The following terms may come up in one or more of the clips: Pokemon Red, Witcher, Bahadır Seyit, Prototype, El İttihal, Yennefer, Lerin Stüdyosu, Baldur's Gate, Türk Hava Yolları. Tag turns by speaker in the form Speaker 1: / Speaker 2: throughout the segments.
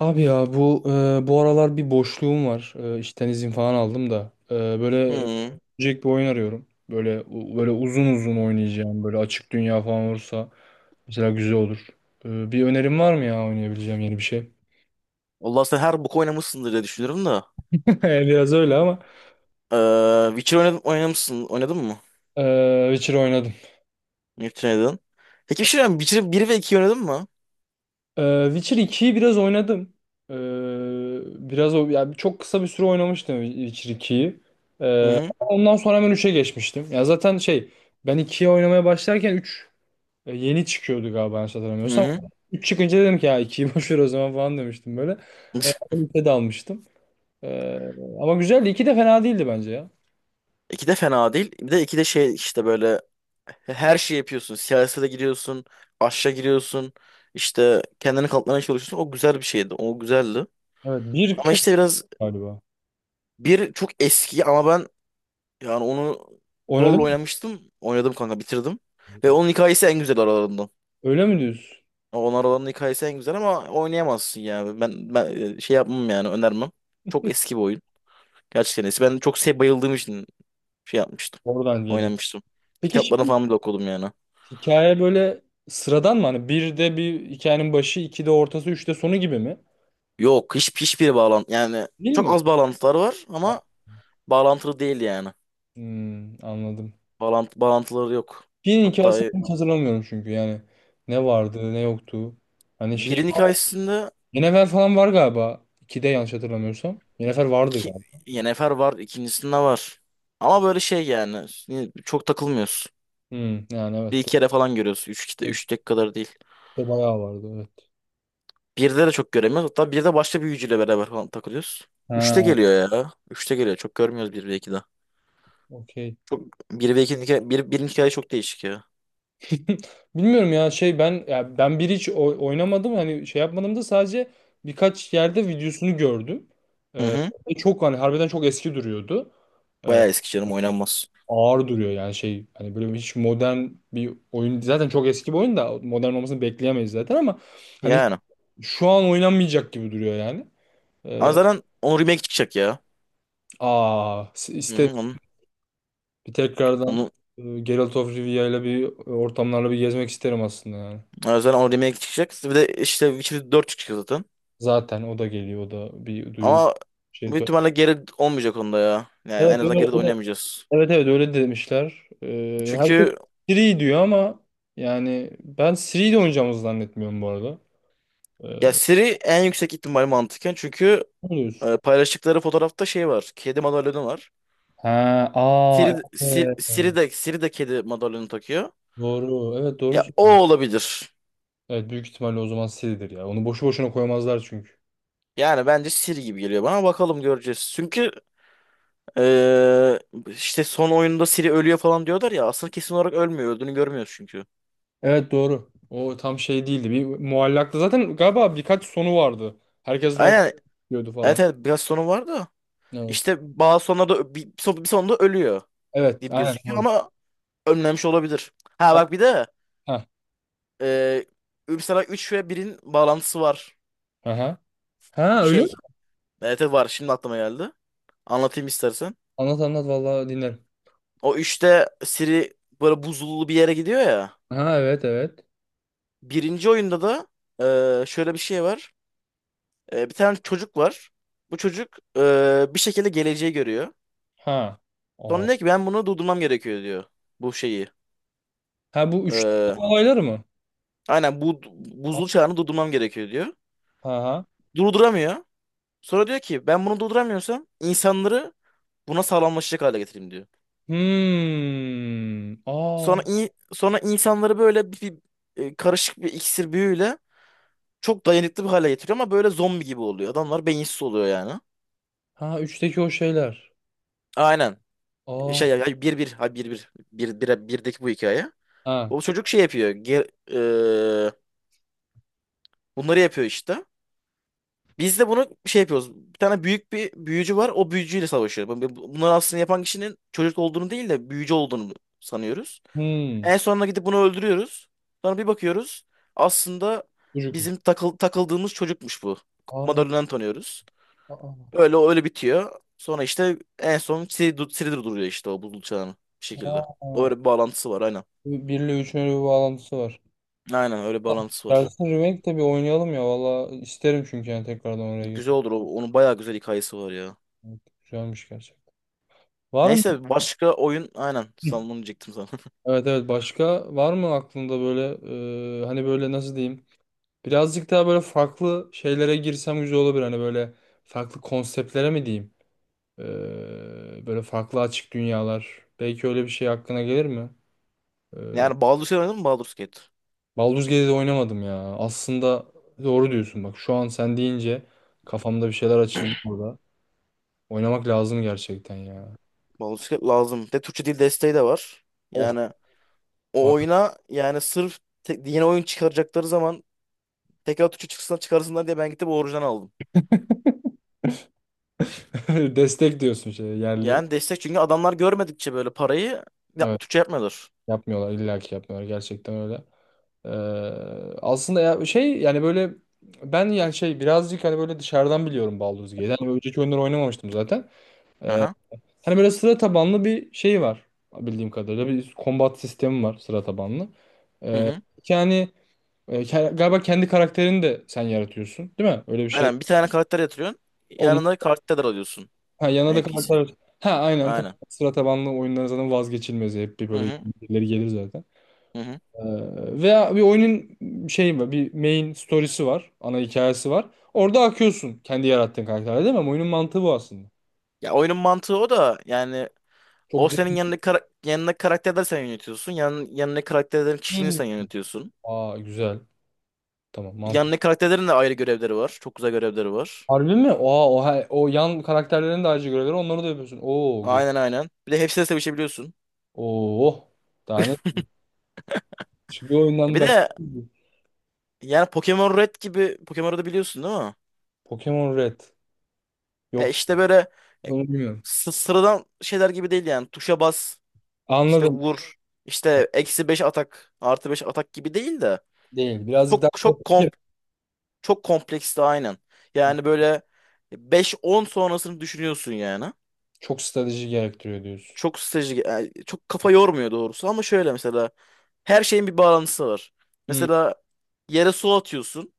Speaker 1: Abi ya bu aralar bir boşluğum var. İşten izin falan aldım da. Böyle
Speaker 2: Hmm.
Speaker 1: bir oyun arıyorum. Böyle böyle uzun uzun oynayacağım. Böyle açık dünya falan olursa mesela güzel olur. Bir önerim var mı ya oynayabileceğim yeni bir şey?
Speaker 2: Vallahi sen her boku oynamışsındır diye düşünüyorum da.
Speaker 1: Biraz öyle ama.
Speaker 2: Witcher oynadım, oynamışsın. Oynadın mı?
Speaker 1: E, Witcher oynadım.
Speaker 2: Witcher oynadın. Peki bir şey söyleyeyim. Witcher 1 ve 2 oynadın mı?
Speaker 1: E, Witcher 2'yi biraz oynadım. E, Biraz o yani çok kısa bir süre oynamıştım Witcher 2'yi.
Speaker 2: Hı hı.
Speaker 1: Ondan sonra hemen 3'e geçmiştim. Ya zaten şey ben 2'ye oynamaya başlarken 3 yeni çıkıyordu galiba yanlış
Speaker 2: Hı
Speaker 1: hatırlamıyorsam.
Speaker 2: hı.
Speaker 1: 3 çıkınca dedim ki ya 2'yi boş ver o zaman falan demiştim böyle. Üçe de almıştım. E, Ama güzeldi. İki de fena değildi bence ya.
Speaker 2: 2 de fena değil. Bir de 2 de şey işte, böyle her şeyi yapıyorsun. Siyasete giriyorsun. Aşağı giriyorsun. İşte kendini kanıtlamaya çalışıyorsun. O güzel bir şeydi. O güzeldi.
Speaker 1: Evet bir
Speaker 2: Ama
Speaker 1: çok
Speaker 2: işte biraz
Speaker 1: galiba.
Speaker 2: bir çok eski, ama ben yani onu
Speaker 1: Oynadın
Speaker 2: zorla
Speaker 1: mı?
Speaker 2: oynamıştım. Oynadım kanka, bitirdim. Ve onun hikayesi en güzel aralarından.
Speaker 1: Öyle mi diyorsun?
Speaker 2: Onar olanın hikayesi en güzel ama oynayamazsın yani. Ben şey yapmam yani önermem. Çok eski bir oyun. Gerçekten eski. Ben çok şey bayıldığım için şey yapmıştım.
Speaker 1: Oradan geliyor.
Speaker 2: Oynamıştım.
Speaker 1: Peki
Speaker 2: Kitaplarını
Speaker 1: şimdi
Speaker 2: falan bile okudum yani.
Speaker 1: hikaye böyle sıradan mı? Hani bir de bir hikayenin başı, iki de ortası, üç de sonu gibi mi?
Speaker 2: Yok, hiç hiçbir bağlantı yani,
Speaker 1: Değil
Speaker 2: çok
Speaker 1: mi?
Speaker 2: az bağlantılar var ama bağlantılı değil yani.
Speaker 1: Hmm, anladım.
Speaker 2: Bağlantı bağlantıları yok.
Speaker 1: Birinin
Speaker 2: Hatta
Speaker 1: hikayesini hiç hatırlamıyorum çünkü yani. Ne vardı, ne yoktu. Hani şey
Speaker 2: birin hikayesinde
Speaker 1: Yennefer falan var galiba. 2'de yanlış hatırlamıyorsam. Yennefer vardı
Speaker 2: iki
Speaker 1: galiba.
Speaker 2: Yennefer var, ikincisinde var. Ama böyle şey yani, çok takılmıyorsun.
Speaker 1: Hmm, yani
Speaker 2: Bir
Speaker 1: evet.
Speaker 2: iki kere falan görüyorsun. Üç,
Speaker 1: Doğru.
Speaker 2: üç tek kadar değil.
Speaker 1: İşte bayağı vardı evet.
Speaker 2: Birde de çok göremiyoruz. Hatta birde başka bir büyücüyle beraber falan takılıyoruz. Üçte
Speaker 1: Ha,
Speaker 2: geliyor ya. Üçte geliyor. Çok görmüyoruz bir ve ikide.
Speaker 1: okey.
Speaker 2: Çok, bir ve ikinin hikaye, bir, birinin hikaye çok değişik ya.
Speaker 1: Bilmiyorum ya şey ben bir hiç oynamadım hani şey yapmadım da sadece birkaç yerde videosunu gördüm.
Speaker 2: Hı
Speaker 1: Ee,
Speaker 2: hı.
Speaker 1: Ve çok hani harbiden çok eski duruyordu. Ee,
Speaker 2: Bayağı eski canım, oynanmaz.
Speaker 1: Ağır duruyor yani şey hani böyle hiç modern bir oyun zaten çok eski bir oyun da modern olmasını bekleyemeyiz zaten ama hani hiç
Speaker 2: Yani.
Speaker 1: şu an oynanmayacak gibi duruyor yani.
Speaker 2: Ama
Speaker 1: Ee,
Speaker 2: zaten onun remake çıkacak ya.
Speaker 1: Aa
Speaker 2: Hı
Speaker 1: iste
Speaker 2: hı.
Speaker 1: bir tekrardan
Speaker 2: Onu,
Speaker 1: Geralt of Rivia'yla bir ortamlarla bir gezmek isterim aslında yani.
Speaker 2: yani zaten onun remake çıkacak. Bir de işte Witcher 4 çıkacak zaten.
Speaker 1: Zaten o da geliyor, o da bir duyuru
Speaker 2: Ama
Speaker 1: şey
Speaker 2: büyük
Speaker 1: söyle.
Speaker 2: ihtimalle geri olmayacak onda ya. Yani
Speaker 1: Evet
Speaker 2: en
Speaker 1: öyle,
Speaker 2: azından geri de oynayamayacağız.
Speaker 1: evet evet öyle demişler. Herkes
Speaker 2: Çünkü
Speaker 1: Siri diyor ama yani ben Siri ile oynayacağımızı zannetmiyorum bu arada.
Speaker 2: ya,
Speaker 1: Ee,
Speaker 2: seri en yüksek ihtimal mantıken. Çünkü
Speaker 1: Ne diyorsun?
Speaker 2: paylaştıkları fotoğrafta şey var. Kedi madalyonu var.
Speaker 1: Ha, aa
Speaker 2: Siri, Siri,
Speaker 1: evet.
Speaker 2: Siri de, Siri de kedi madalyonu takıyor.
Speaker 1: Doğru. Evet doğru.
Speaker 2: Ya, o
Speaker 1: Söylüyorsun.
Speaker 2: olabilir.
Speaker 1: Evet büyük ihtimalle o zaman Siri'dir ya. Onu boşu boşuna koymazlar çünkü.
Speaker 2: Yani bence Siri gibi geliyor bana. Bakalım, göreceğiz. Çünkü eee, işte son oyunda Siri ölüyor falan diyorlar ya. Aslında kesin olarak ölmüyor. Öldüğünü görmüyoruz çünkü.
Speaker 1: Evet doğru. O tam şey değildi. Bir muallaktı. Zaten galiba birkaç sonu vardı. Herkes bak
Speaker 2: Aynen.
Speaker 1: diyordu
Speaker 2: Evet,
Speaker 1: falan.
Speaker 2: evet, biraz sonu var da.
Speaker 1: Evet.
Speaker 2: İşte bazı sonlarda bir sonunda ölüyor
Speaker 1: Evet.
Speaker 2: gibi
Speaker 1: Aynen
Speaker 2: gözüküyor
Speaker 1: doğru.
Speaker 2: ama ölmemiş olabilir. Ha bak, bir de
Speaker 1: Ha.
Speaker 2: eee mesela 3 ve birin bağlantısı var.
Speaker 1: Aha. Ha öyle mi?
Speaker 2: Şey. Evet, evet, var. Şimdi aklıma geldi. Anlatayım istersen.
Speaker 1: Anlat anlat vallahi dinlerim.
Speaker 2: O üçte Siri böyle buzullu bir yere gidiyor ya.
Speaker 1: Ha evet evet.
Speaker 2: Birinci oyunda da şöyle bir şey var. Bir tane çocuk var. Bu çocuk bir şekilde geleceği görüyor.
Speaker 1: Ha.
Speaker 2: Sonra
Speaker 1: Aa.
Speaker 2: diyor ki ben bunu durdurmam gerekiyor diyor. Bu şeyi.
Speaker 1: Ha bu üç
Speaker 2: E,
Speaker 1: olaylar mı?
Speaker 2: aynen bu
Speaker 1: Ha.
Speaker 2: buzul çağını durdurmam gerekiyor diyor.
Speaker 1: Ha.
Speaker 2: Durduramıyor. Sonra diyor ki ben bunu durduramıyorsam insanları buna sağlamlaşacak hale getireyim diyor.
Speaker 1: Hmm. Aa.
Speaker 2: Sonra sonra insanları böyle karışık bir iksir büyüyle çok dayanıklı bir hale getiriyor ama böyle zombi gibi oluyor. Adamlar beyinsiz oluyor yani.
Speaker 1: Ha üçteki o şeyler.
Speaker 2: Aynen.
Speaker 1: Aa.
Speaker 2: Birdeki bu hikaye.
Speaker 1: Ha.
Speaker 2: O çocuk şey yapıyor. Eee, Bunları yapıyor işte. Biz de bunu şey yapıyoruz. Bir tane büyük bir büyücü var. O büyücüyle savaşıyor. Bunları aslında yapan kişinin çocuk olduğunu değil de büyücü olduğunu sanıyoruz.
Speaker 1: Hmm.
Speaker 2: En sonunda gidip bunu öldürüyoruz. Sonra bir bakıyoruz. Aslında
Speaker 1: Çocukmuş.
Speaker 2: bizim takıldığımız çocukmuş bu.
Speaker 1: Aa.
Speaker 2: Madalyondan tanıyoruz.
Speaker 1: Aa.
Speaker 2: Öyle öyle bitiyor. Sonra işte en son Siri durduruyor işte o buzul çağını bir şekilde.
Speaker 1: Aa.
Speaker 2: Öyle bir bağlantısı var aynen.
Speaker 1: Bir ile üçün öyle bir bağlantısı var.
Speaker 2: Aynen, öyle bir bağlantısı var.
Speaker 1: Gelsin remake de bir oynayalım ya. Valla isterim çünkü yani tekrardan oraya
Speaker 2: Güzel
Speaker 1: girmek.
Speaker 2: olur. Onun bayağı güzel hikayesi var ya.
Speaker 1: Evet, güzelmiş gerçekten. Var mı?
Speaker 2: Neyse, başka oyun aynen. Sana onu diyecektim sana.
Speaker 1: Evet evet başka var mı aklında böyle hani böyle nasıl diyeyim? Birazcık daha böyle farklı şeylere girsem güzel olabilir. Hani böyle farklı konseptlere mi diyeyim? Böyle farklı açık dünyalar. Belki öyle bir şey aklına gelir mi? E,
Speaker 2: Yani Baldur's Gate oynadın mı, Baldur's Gate?
Speaker 1: Baldur's Gate'de oynamadım ya. Aslında doğru diyorsun bak. Şu an sen deyince kafamda bir şeyler açıldı burada. Oynamak lazım gerçekten ya.
Speaker 2: Baldur's Gate lazım. De Türkçe dil desteği de var.
Speaker 1: Of.
Speaker 2: Yani o
Speaker 1: Var.
Speaker 2: oyuna, yani sırf yeni oyun çıkaracakları zaman tekrar Türkçe çıkarsınlar diye ben gidip orijinal aldım.
Speaker 1: Destek diyorsun şey yerli.
Speaker 2: Yani destek, çünkü adamlar görmedikçe böyle parayı ya,
Speaker 1: Evet.
Speaker 2: Türkçe yapmıyorlar.
Speaker 1: Yapmıyorlar. İlla ki yapmıyorlar. Gerçekten öyle. Ee, Aslında ya şey yani böyle ben yani şey birazcık hani böyle dışarıdan biliyorum Baldur's Gate'i. Hani önceki oyunları oynamamıştım zaten.
Speaker 2: Aha.
Speaker 1: Hani böyle sıra tabanlı bir şey var bildiğim kadarıyla. Bir combat sistemi var sıra tabanlı.
Speaker 2: Hı
Speaker 1: Ee,
Speaker 2: hı.
Speaker 1: Yani galiba kendi karakterini de sen yaratıyorsun değil mi? Öyle bir şey.
Speaker 2: Aynen, bir tane karakter yatırıyorsun.
Speaker 1: Onun
Speaker 2: Yanına karakter alıyorsun.
Speaker 1: ha, yanına da
Speaker 2: NPC.
Speaker 1: karakter. Ha aynen tabii.
Speaker 2: Aynen.
Speaker 1: Sıra tabanlı oyunların zaten vazgeçilmezi. Hep bir
Speaker 2: Hı
Speaker 1: böyle
Speaker 2: hı.
Speaker 1: birileri gelir zaten.
Speaker 2: Hı hı.
Speaker 1: Veya bir oyunun şeyi var, bir main story'si var, ana hikayesi var. Orada akıyorsun kendi yarattığın karakterle değil mi? Ama oyunun mantığı bu aslında.
Speaker 2: Ya, oyunun mantığı o da yani,
Speaker 1: Çok
Speaker 2: o senin yanındaki karakterleri sen yönetiyorsun. Yanındaki karakterlerin kişiliğini
Speaker 1: derin.
Speaker 2: sen yönetiyorsun.
Speaker 1: Aa güzel. Tamam mantık.
Speaker 2: Yanındaki karakterlerin de ayrı görevleri var. Çok güzel görevleri var.
Speaker 1: Harbi mi? Aa o, o yan karakterlerin de ayrıca görevleri onları da yapıyorsun. Oo güzel.
Speaker 2: Aynen, aynen. Bir de hepsiyle sevişebiliyorsun.
Speaker 1: Oo. Daha ne? Şu bir
Speaker 2: Ya,
Speaker 1: oyundan
Speaker 2: bir
Speaker 1: bak.
Speaker 2: de yani Pokemon Red gibi, Pokemon Red'i biliyorsun değil mi?
Speaker 1: Pokemon Red. Yok.
Speaker 2: İşte böyle e,
Speaker 1: Bunu bilmiyorum.
Speaker 2: sıradan şeyler gibi değil yani. Tuşa bas işte,
Speaker 1: Anladım.
Speaker 2: vur işte, eksi 5 atak artı 5 atak gibi değil de,
Speaker 1: Değil. Birazcık
Speaker 2: çok
Speaker 1: daha
Speaker 2: çok komp çok kompleksti aynen. Yani böyle beş on sonrasını düşünüyorsun yani.
Speaker 1: çok strateji gerektiriyor diyorsun.
Speaker 2: Çok strateji yani, çok kafa yormuyor doğrusu, ama şöyle mesela her şeyin bir bağlantısı var.
Speaker 1: Hı
Speaker 2: Mesela yere su atıyorsun.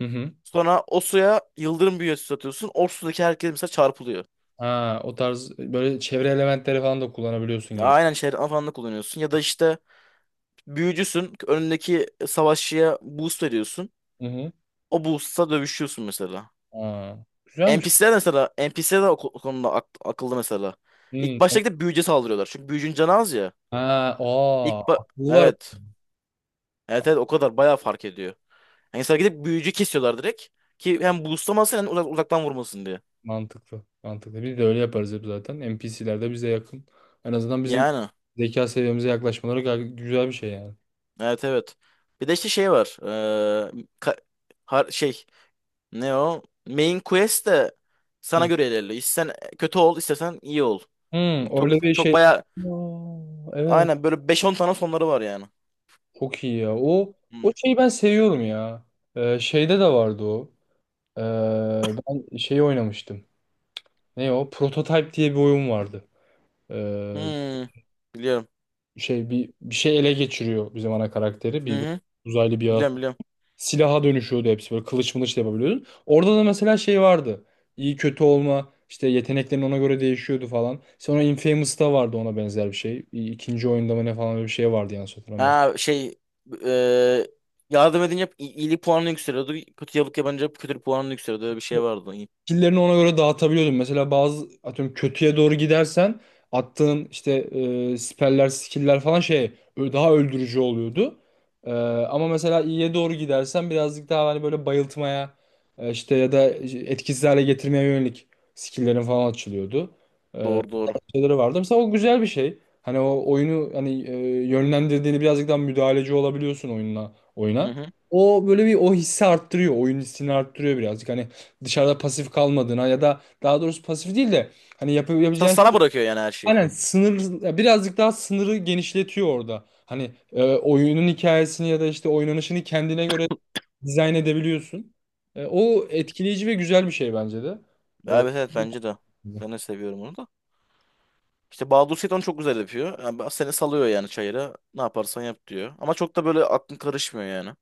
Speaker 1: hı. hı.
Speaker 2: Sonra o suya yıldırım büyücüsü atıyorsun. O sudaki herkes mesela çarpılıyor.
Speaker 1: Ha, o tarz böyle çevre elementleri falan da kullanabiliyorsun gibi.
Speaker 2: Aynen, şeyler falan da kullanıyorsun. Ya da işte, büyücüsün. Önündeki savaşçıya boost veriyorsun.
Speaker 1: Hı hı.
Speaker 2: O boost'la dövüşüyorsun mesela.
Speaker 1: Ha, güzelmiş.
Speaker 2: NPC'ler mesela, NPC'ler o o konuda akıllı mesela.
Speaker 1: Hmm.
Speaker 2: İlk başta gidip büyücüye saldırıyorlar. Çünkü büyücünün canı az ya.
Speaker 1: Ha,
Speaker 2: İlk
Speaker 1: aa,
Speaker 2: ba-
Speaker 1: akıllılar.
Speaker 2: evet. Evet, evet, o kadar bayağı fark ediyor. Yani mesela gidip büyücü kesiyorlar direkt. Ki hem boostlamasın hem uzaktan vurmasın diye.
Speaker 1: Mantıklı. Mantıklı. Biz de öyle yaparız hep zaten. NPC'ler de bize yakın. En azından bizim
Speaker 2: Yani
Speaker 1: zeka seviyemize yaklaşmaları gayet güzel bir şey yani.
Speaker 2: evet, evet. Bir de işte şey var. Ka- har- şey Ne o? Main quest de sana
Speaker 1: Hı.
Speaker 2: göre ilerliyor. İstersen kötü ol, istersen iyi ol.
Speaker 1: hı.
Speaker 2: Çok,
Speaker 1: Öyle bir
Speaker 2: çok
Speaker 1: şey.
Speaker 2: bayağı
Speaker 1: Aa, evet.
Speaker 2: aynen, böyle beş on tane sonları var yani.
Speaker 1: Çok iyi ya. O
Speaker 2: Hmm.
Speaker 1: o şeyi ben seviyorum ya. Şeyde de vardı o. Ee, Ben şeyi oynamıştım. Ne o? Prototype diye bir oyun vardı. Ee,
Speaker 2: Hmm. Biliyorum.
Speaker 1: Şey bir şey ele geçiriyor bizim ana karakteri.
Speaker 2: Hı
Speaker 1: Bir
Speaker 2: hı.
Speaker 1: uzaylı bir
Speaker 2: Biliyorum,
Speaker 1: yaratık.
Speaker 2: biliyorum.
Speaker 1: Silaha dönüşüyordu hepsi böyle kılıç mılıç da yapabiliyordun. Orada da mesela şey vardı. İyi kötü olma işte yeteneklerin ona göre değişiyordu falan. Sonra Infamous'ta vardı ona benzer bir şey. İkinci oyunda mı ne falan öyle bir şey vardı yanlış hatırlamıyorsam.
Speaker 2: Ha şey e, Yardım edince hep iyilik puanını yükseliyordu. Kötülük yapınca hep kötülük puanını yükseliyordu. Öyle bir şey vardı. İyi.
Speaker 1: Skill'lerini ona göre dağıtabiliyordum. Mesela bazı atıyorum kötüye doğru gidersen attığın işte spell'ler, skill'ler falan şey daha öldürücü oluyordu. E, Ama mesela iyiye doğru gidersen birazcık daha hani böyle bayıltmaya işte ya da etkisiz hale getirmeye yönelik skill'lerin falan açılıyordu
Speaker 2: Doğru, doğru.
Speaker 1: şeyleri vardı. Mesela o güzel bir şey. Hani o oyunu hani yönlendirdiğini birazcık daha müdahaleci olabiliyorsun oyunla
Speaker 2: Hı
Speaker 1: oyuna.
Speaker 2: hı.
Speaker 1: O böyle bir o hissi arttırıyor. Oyun hissini arttırıyor birazcık. Hani dışarıda pasif kalmadığına ya da daha doğrusu pasif değil de hani yapabileceğin
Speaker 2: Sana
Speaker 1: şey,
Speaker 2: bırakıyor yani, her şeyi.
Speaker 1: aynen sınır birazcık daha sınırı genişletiyor orada. Hani oyunun hikayesini ya da işte oynanışını kendine göre dizayn edebiliyorsun. O etkileyici ve güzel bir şey bence de.
Speaker 2: Evet, evet, bence de.
Speaker 1: E,
Speaker 2: Ben de seviyorum onu da. İşte Bahadır Seyit onu çok güzel yapıyor. Yani seni salıyor yani çayıra. Ne yaparsan yap diyor. Ama çok da böyle aklın karışmıyor yani.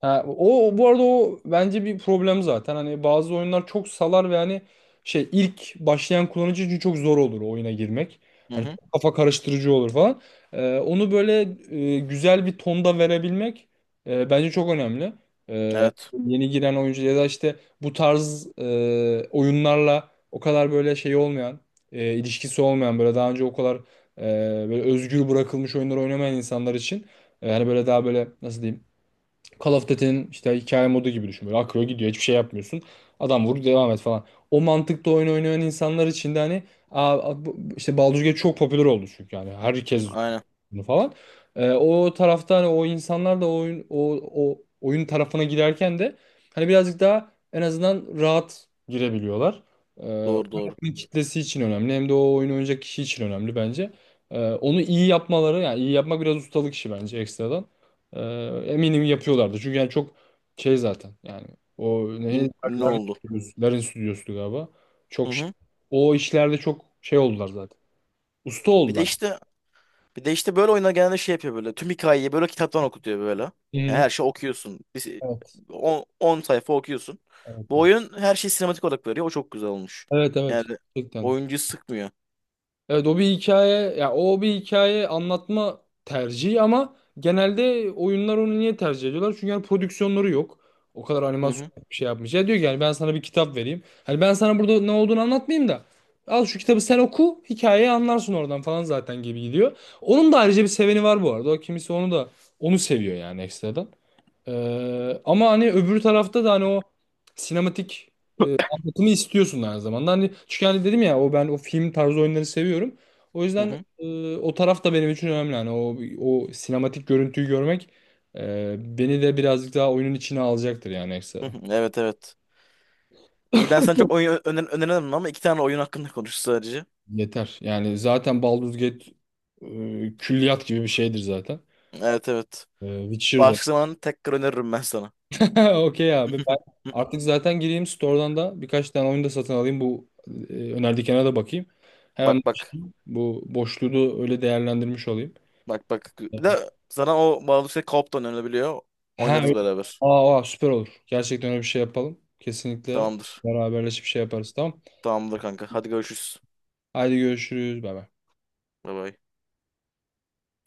Speaker 1: Ha, bu arada o bence bir problem zaten. Hani bazı oyunlar çok salar ve hani şey ilk başlayan kullanıcı için çok zor olur o oyuna girmek.
Speaker 2: Hı
Speaker 1: Hani
Speaker 2: hı.
Speaker 1: çok kafa karıştırıcı olur falan. Onu böyle güzel bir tonda verebilmek bence çok önemli. Ee,
Speaker 2: Evet.
Speaker 1: Yeni giren oyuncu ya da işte bu tarz oyunlarla o kadar böyle şey olmayan, ilişkisi olmayan böyle daha önce o kadar e, böyle özgür bırakılmış oyunları oynamayan insanlar için hani böyle daha böyle nasıl diyeyim? Call of Duty'nin işte hikaye modu gibi düşün. Böyle akıyor gidiyor hiçbir şey yapmıyorsun. Adam vur devam et falan. O mantıkta oyun oynayan insanlar için de hani aa, işte Baldur's Gate çok popüler oldu çünkü yani herkes
Speaker 2: Aynen.
Speaker 1: bunu falan. O tarafta hani o insanlar da o oyun tarafına girerken de hani birazcık daha en azından rahat girebiliyorlar. Ee,
Speaker 2: Doğru,
Speaker 1: Hem
Speaker 2: doğru.
Speaker 1: oyun kitlesi için önemli hem de o oyunu oynayacak kişi için önemli bence. Onu iyi yapmaları yani iyi yapmak biraz ustalık işi bence ekstradan. Ee, Eminim yapıyorlardı. Çünkü yani çok şey zaten yani o ne Lerin
Speaker 2: Ünlü oldu.
Speaker 1: Stüdyosu Lerin Stüdyosu'ydu galiba.
Speaker 2: Hı
Speaker 1: Çok şey-
Speaker 2: hı.
Speaker 1: o işlerde çok şey oldular zaten. Usta
Speaker 2: Bir de
Speaker 1: oldular.
Speaker 2: işte Bir de işte böyle oyunlar genelde şey yapıyor böyle. Tüm hikayeyi böyle kitaptan okutuyor böyle.
Speaker 1: Hı
Speaker 2: Yani
Speaker 1: hı.
Speaker 2: her şey okuyorsun.
Speaker 1: Evet.
Speaker 2: 10 sayfa okuyorsun. Bu
Speaker 1: Evet.
Speaker 2: oyun her şeyi sinematik olarak veriyor. O çok güzel olmuş.
Speaker 1: Evet evet
Speaker 2: Yani
Speaker 1: gerçekten.
Speaker 2: oyuncuyu sıkmıyor.
Speaker 1: Evet o bir hikaye anlatma tercihi ama genelde oyunlar onu niye tercih ediyorlar? Çünkü yani prodüksiyonları yok. O kadar
Speaker 2: Hı
Speaker 1: animasyon
Speaker 2: hı.
Speaker 1: bir şey yapmış. Ya diyor ki yani ben sana bir kitap vereyim. Hani ben sana burada ne olduğunu anlatmayayım da al şu kitabı sen oku hikayeyi anlarsın oradan falan zaten gibi gidiyor. Onun da ayrıca bir seveni var bu arada. O kimisi onu da onu seviyor yani ekstradan. Ama hani öbür tarafta da hani o sinematik anlatımı istiyorsun aynı zamanda. Hani çünkü hani dedim ya o ben o film tarzı oyunları seviyorum. O
Speaker 2: Hı
Speaker 1: yüzden
Speaker 2: hı.
Speaker 1: o taraf da benim için önemli. Hani o sinematik görüntüyü görmek beni de birazcık daha oyunun içine alacaktır yani
Speaker 2: Hı
Speaker 1: ekstradan.
Speaker 2: hı. Evet, evet. İyi, ben sana çok oyun öneremem ama iki tane oyun hakkında konuştuk sadece.
Speaker 1: Yeter. Yani zaten Baldur's Gate külliyat gibi bir şeydir zaten.
Speaker 2: Evet, evet.
Speaker 1: Witcher'da.
Speaker 2: Başka zaman tekrar öneririm ben sana.
Speaker 1: Okey abi. Ben artık zaten gireyim store'dan da birkaç tane oyun da satın alayım. Bu önerdiklerine de bakayım. Hemen
Speaker 2: Bak, bak.
Speaker 1: bu boşluğu da öyle değerlendirmiş olayım.
Speaker 2: Bak, bak. Bir de sana o Baldur's Gate co-op da önerilebiliyor.
Speaker 1: Ha, öyle.
Speaker 2: Oynarız beraber.
Speaker 1: Aa, aa, süper olur. Gerçekten öyle bir şey yapalım. Kesinlikle
Speaker 2: Tamamdır.
Speaker 1: beraberleşip şey yaparız tamam.
Speaker 2: Tamamdır kanka. Hadi görüşürüz.
Speaker 1: Haydi görüşürüz. Bay bay.
Speaker 2: Bye bye.